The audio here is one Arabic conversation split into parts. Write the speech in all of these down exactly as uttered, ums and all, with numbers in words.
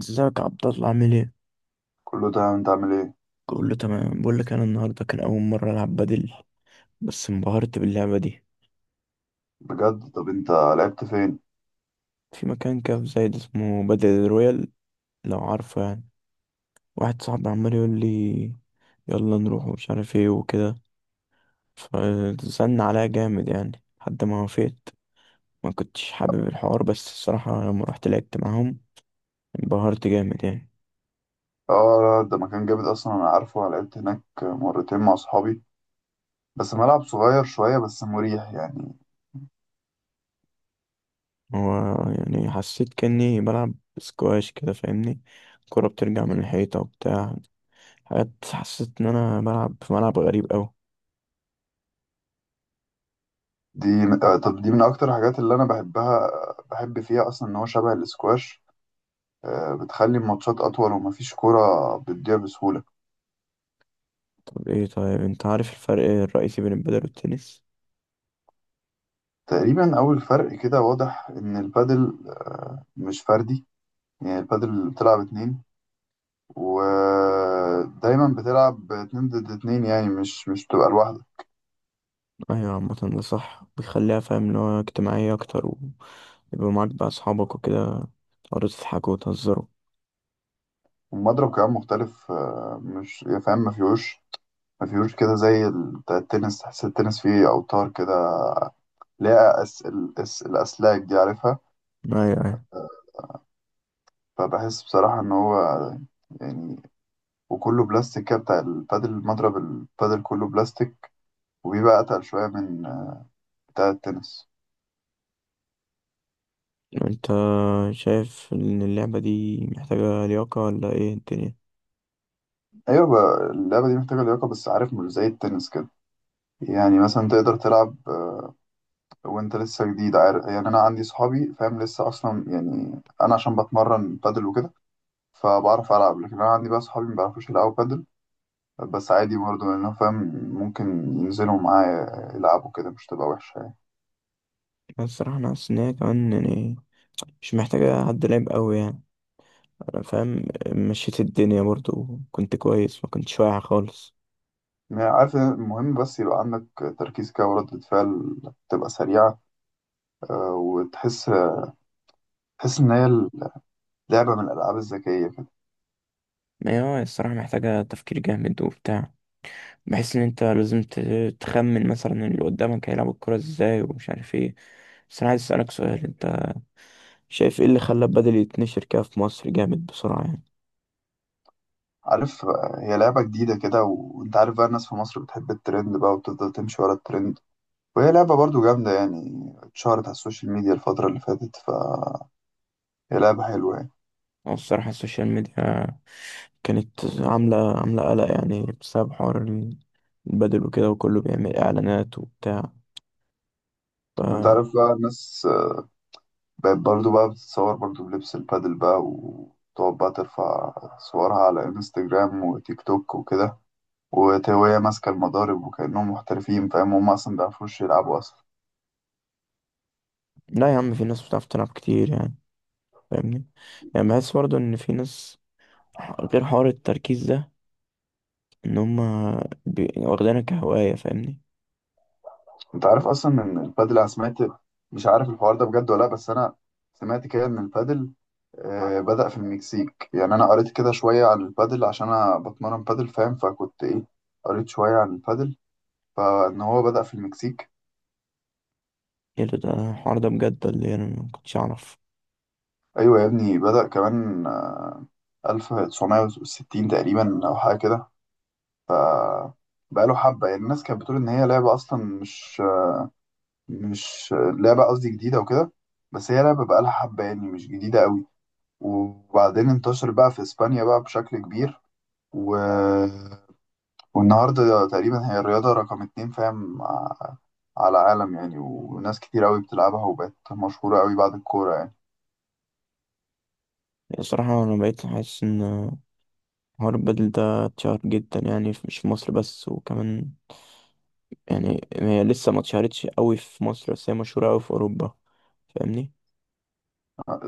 ازيك يا عبد الله؟ عامل ايه؟ كله تمام، انت عامل ايه؟ كله تمام. بقول لك انا النهارده كان اول مره العب بدل، بس انبهرت باللعبه دي. بجد؟ طب انت لعبت فين؟ في مكان كده في زايد اسمه بدل رويال، لو عارفه يعني. واحد صاحبي عمال يقول لي يلا نروح ومش عارف ايه وكده، فزن عليا جامد يعني لحد ما وافقت. ما كنتش حابب الحوار، بس الصراحه لما رحت لعبت معاهم انبهرت جامد يعني. اه لا، ده مكان جامد اصلا، انا عارفه. انا لعبت هناك مرتين مع اصحابي، بس ملعب صغير شويه بس مريح يعني. هو يعني حسيت كاني بلعب سكواش كده، فاهمني؟ الكرة بترجع من الحيطة وبتاع حاجات، حسيت ان انا ملعب في ملعب غريب اوي. دي آه، طب دي من اكتر الحاجات اللي انا بحبها، بحب فيها اصلا ان هو شبه الاسكواش. آه، بتخلي الماتشات اطول ومفيش كرة بتضيع بسهوله. طب ايه، طيب انت عارف الفرق الرئيسي بين البدل والتنس؟ تقريبا اول فرق كده واضح ان البادل مش فردي، يعني البادل بتلعب اتنين، ودايما بتلعب اتنين ضد اتنين، يعني مش مش بتبقى لوحدك. ايوه، عامة ده صح، بيخليها فاهم اللي هو اجتماعية اكتر ويبقى معاك بقى اصحابك وكده، تقعدوا تضحكوا وتهزروا. المضرب كمان مختلف، آه، مش، يعني فاهم، ما فيهوش، ما فيهوش كده زي ال- بتاع التنس. تحس التنس فيه أوتار كده، ليها أس... ال- أس... الأسلاك دي عارفها. ايوه ايوه. فبحس بصراحة إن هو، يعني، وكله بلاستيك كده، بتاع البادل. المضرب البادل كله بلاستيك وبيبقى أتقل شوية من آه، بتاع التنس. انت شايف ان اللعبة دي محتاجة لياقة ولا ايه الدنيا؟ أيوة، بقى اللعبة دي محتاجة لياقة، بس عارف مش زي التنس كده. يعني مثلا تقدر تلعب آه، وانت لسه جديد، عارف يعني انا عندي صحابي فاهم لسه اصلا، يعني انا عشان بتمرن بادل وكده فبعرف ألعب، لكن أنا عندي بقى أصحابي ما بيعرفوش يلعبوا بادل، بس عادي برضه. لأنه فاهم ممكن ينزلوا معايا يلعبوا كده مش تبقى وحشة يعني. بس الصراحة انا حاسس ان هي كمان يعني مش محتاجة حد لعب قوي يعني. انا فاهم، مشيت الدنيا برضو كنت كويس، ما كنتش واقع خالص. يعني عارف إن المهم بس يبقى عندك تركيز كده وردة فعل تبقى سريعة، آه، وتحس، تحس إن هي لعبة من الألعاب الذكية كده. ما هي آه، الصراحة محتاجة تفكير جامد وبتاع. بحس ان انت لازم ت- تخمن مثلا اللي قدامك هيلعب الكرة ازاي ومش عارف ايه. بس انا عايز اسألك سؤال، انت شايف ايه اللي خلى البدل يتنشر كده في مصر جامد بسرعة يعني؟ عارف، آه، هي لعبة جديدة كده، وأنت عارف بقى الناس في مصر بتحب الترند بقى وتفضل تمشي ورا الترند، وهي لعبة برضه جامدة يعني، اتشهرت على السوشيال ميديا الفترة اللي فاتت، فهي لعبة حلوة يعني. او الصراحة السوشيال ميديا كانت عاملة عاملة قلق يعني بسبب حوار ال- البدل وكده، وكله بيعمل اعلانات وبتاع ف... وأنت عارف بقى الناس بقت برضو بقى بتتصور برضو بلبس البادل بقى وتقعد بقى ترفع صورها على انستجرام وتيك توك وكده، وت- وهي ماسكة المضارب وكأنهم محترفين، فاهم هم أصلا مبيعرفوش يلعبوا أصلا. لا يا عم، في ناس بتعرف تلعب كتير يعني، فاهمني؟ يعني بحس برضه ان في ناس، غير حوار التركيز ده، ان هما بي- واخدينها كهواية، فاهمني؟ أنت عارف أصلا إن البادل، أنا سمعت، مش عارف الحوار ده بجد ولا لأ، بس أنا سمعت كده إن البادل آه، بدأ في المكسيك. يعني أنا قريت كده شوية عن البادل عشان أنا بتمرن بادل، فاهم؟ فكنت إيه، قريت شوية عن البادل، فإن هو بدأ في المكسيك. ايه ده، ده الحوار ده بجد اللي انا ما كنتش اعرف. ايوه يا ابني، بدأ كمان آه، ألف وتسعمية وستين تقريبا او حاجه كده. بقاله حبه، يعني الناس كانت بتقول ان هي لعبه اصلا مش مش لعبه، قصدي جديده وكده، بس هي لعبه بقالها حبه يعني، مش جديده قوي. وبعدين انتشر بقى في اسبانيا بقى بشكل كبير، و... والنهارده تقريبا هي الرياضه رقم اتنين، فاهم ع- على العالم يعني، وناس كتير قوي بتلعبها وبقت مشهوره قوي بعد الكوره يعني. الصراحة انا بقيت حاسس ان حوار البدل ده اتشهر جدا يعني في- مش في مصر بس، وكمان يعني هي لسه ما اتشهرتش قوي في مصر، بس هي مشهورة قوي في اوروبا، فاهمني؟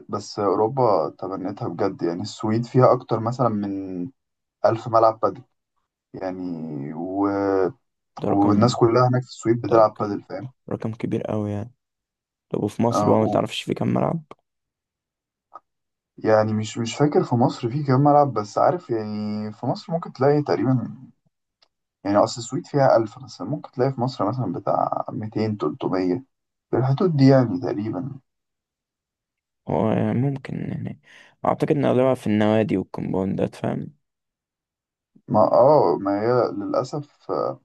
بس اوروبا تبنتها بجد، يعني السويد فيها اكتر مثلا من ألف ملعب بادل يعني. و... ده رقم والناس كلها هناك في السويد ده بتلعب رقم بادل، فاهم. رقم كبير قوي يعني. طب وفي مصر آه، بقى ما و... تعرفش في كام ملعب؟ يعني مش مش فاكر في مصر في كام ملعب، بس عارف يعني في مصر ممكن تلاقي تقريبا، يعني أصل السويد فيها ألف مثلا، ممكن تلاقي في مصر مثلا بتاع ميتين تلتمية في الحدود دي يعني تقريبا. هو يعني ممكن يعني، اعتقد ان اغلبها في النوادي والكومباوندات، فاهم؟ ما اه ما هي للأسف، آه،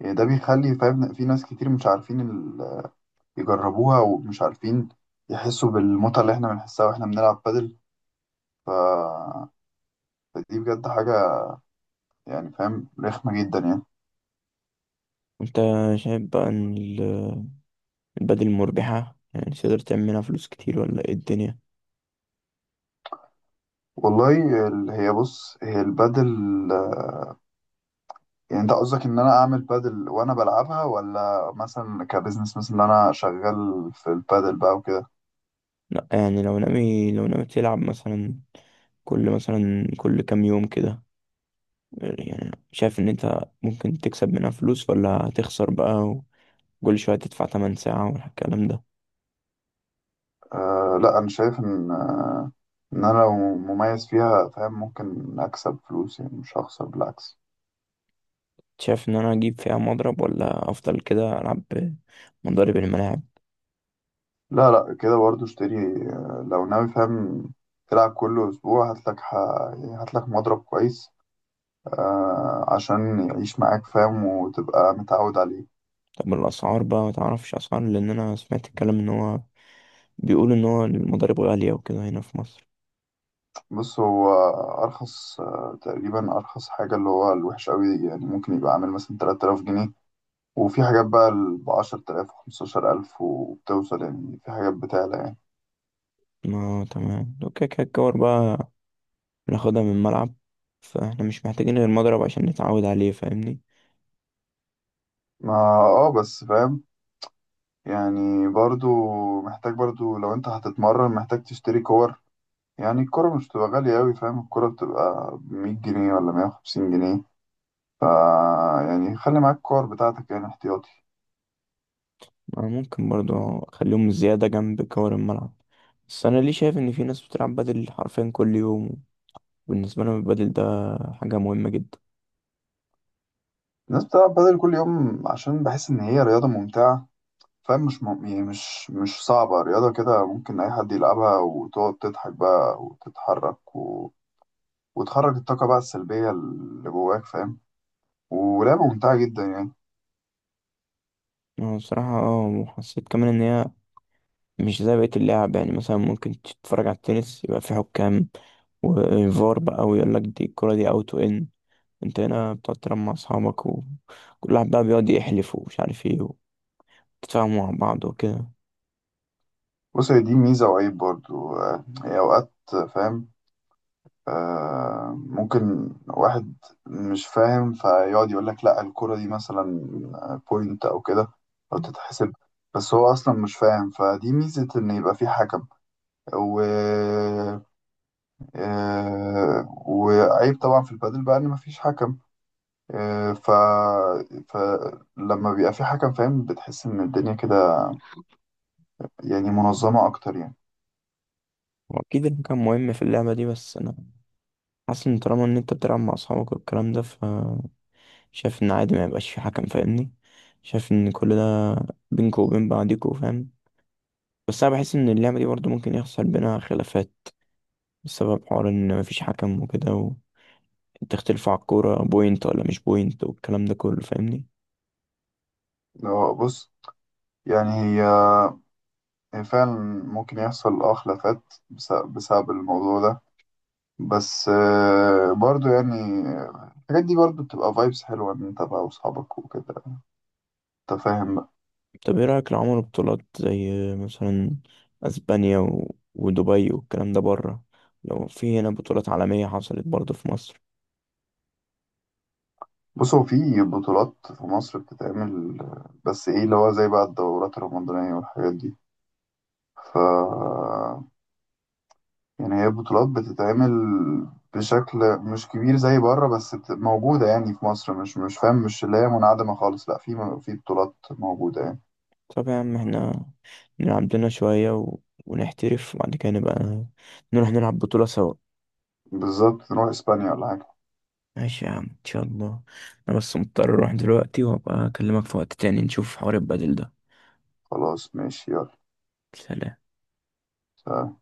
يعني ده بيخلي فاهم في ناس كتير مش عارفين ال... يجربوها، ومش عارفين يحسوا بالمتعة اللي احنا بنحسها واحنا بنلعب بادل. ف... فدي بجد حاجة يعني، فاهم، رخمة جدا يعني. انت شايف بقى ان البدل مربحة؟ يعني تقدر تعمل منها فلوس كتير ولا ايه الدنيا؟ والله، ال- هي بص هي البادل، يعني انت قصدك ان انا اعمل بادل وانا بلعبها، ولا مثلا كبزنس مثلا ان انا شغال في البادل بقى وكده. لا يعني لو ناوي، لو ناوي تلعب مثلا كل مثلا كل كام يوم كده، يعني شايف ان انت ممكن تكسب منها فلوس ولا هتخسر بقى، وكل شوية تدفع تمن ساعة والكلام ده؟ آه لا، انا شايف ان آه ان انا لو مميز فيها، فاهم ممكن اكسب فلوس يعني، مش هخسر، بالعكس. شايف ان انا اجيب فيها مضرب ولا افضل كده العب مضارب الملاعب؟ لا لا، كده برضه اشتري. آه، لو ناوي فاهم تلعب كل اسبوع، هاتلك ح... يعني هاتلك مضرب كويس، آه عشان يعيش معاك، فاهم، وتبقى متعود عليه. طب الاسعار بقى ما تعرفش اسعار؟ لان انا سمعت الكلام ان هو بيقول ان هو المضارب غالية وكده هنا في مصر. بص هو أرخص، آه، تقريبا أرخص حاجة اللي هو الوحش أوي يعني ممكن يبقى عامل مثلا تلات آلاف جنيه. وفي حاجات بقى ب عشرة آلاف و15000، وبتوصل يعني، في حاجات بتعلى يعني. ما تمام، اوكي، كده الجوار بقى بناخدها من الملعب، فاحنا مش محتاجين غير مضرب عشان نتعود عليه، فاهمني؟ ما اه بس فاهم يعني برضو محتاج برضو، لو أنت هتتمرن محتاج تشتري كور. يعني الكورة مش بتبقى غالية أوي، فاهم؟ الكورة بتبقى بمية جنيه ولا مية وخمسين جنيه. فا يعني خلي معاك الكور بتاعتك يعني احتياطي. أنا ممكن برضو اخليهم زيادة جنب كور الملعب. بس انا ليه شايف ان في ناس بتلعب بدل حرفيا كل يوم؟ بالنسبة لهم البدل ده حاجة مهمة جدا. الناس بتلعب بدل كل يوم عشان بحس إن هي رياضة ممتعة. فاهم مش م... يعني مش مش صعبة، رياضة كده ممكن أي حد يلعبها، وتقعد تضحك بقى وتتحرك و... وتخرج الطاقة بقى السلبية اللي جواك، فاهم؟ ولعبة ممتعة جدا يعني. انا بصراحة اه، وحسيت كمان ان هي مش زي بقية اللعب. يعني مثلا ممكن تتفرج على التنس يبقى في حكام وفار بقى ويقول لك دي الكرة دي اوت وان، انت هنا بتقعد تلعب مع اصحابك وكل واحد بقى بيقعد يحلف ومش عارف ايه وتتفاهموا مع بعض وكده. بص هي دي ميزة وعيب برضو. آه، هي أوقات فاهم، آه ممكن واحد مش فاهم فيقعد يقول لك لا الكرة دي مثلا بوينت أو كده، أو تتحسب، بس هو أصلا مش فاهم. فدي ميزة إن يبقى في حكم. و... آه، وعيب طبعا في البادل بقى ان مفيش حكم. آه، ف فلما بيبقى في حكم، فاهم بتحس ان الدنيا كده يعني منظمة اكتر يعني. واكيد المكان مهم في اللعبه دي، بس انا حاسس ان طالما ان انت بتلعب مع اصحابك والكلام ده، ف شايف ان عادي ما يبقاش في حكم، فاهمني؟ شايف ان كل ده بينكوا وبين بعضيكوا، فاهم؟ بس انا بحس ان اللعبه دي برضو ممكن يحصل بينها خلافات بسبب حوار ان مفيش حكم وكده، وتختلفوا على الكوره بوينت ولا مش بوينت والكلام ده كله، فاهمني؟ لو بص، يعني هي، هي فعلا ممكن يحصل اه خلافات بس- بسبب الموضوع ده. بس آه، برضو يعني الحاجات دي برضو بتبقى فايبس حلوة ان انت بقى واصحابك وكده، انت فاهم بقى. طب ايه رايك لو عملوا بطولات زي مثلا اسبانيا و... ودبي والكلام ده بره؟ لو في هنا بطولات عالميه حصلت برضو في مصر. بص هو في بطولات في مصر بتتعمل، بس ايه اللي هو زي بقى الدورات الرمضانية والحاجات دي. ف يعني هي بطولات بتتعمل بشكل مش كبير زي بره، بس بت- موجودة يعني في مصر. مش مش فاهم، مش اللي هي منعدمة خالص، لا، في م- في بطولات موجودة يعني. طب يا عم احنا نلعب لنا شوية و... ونحترف وبعد كده نبقى نروح نلعب بطولة سوا. بالظبط، نروح اسبانيا ولا حاجة. ماشي يا عم، ان شاء الله. انا بس مضطر اروح دلوقتي وابقى اكلمك في وقت تاني نشوف حوار البدل ده. خلاص ماشي. سلام. يلا.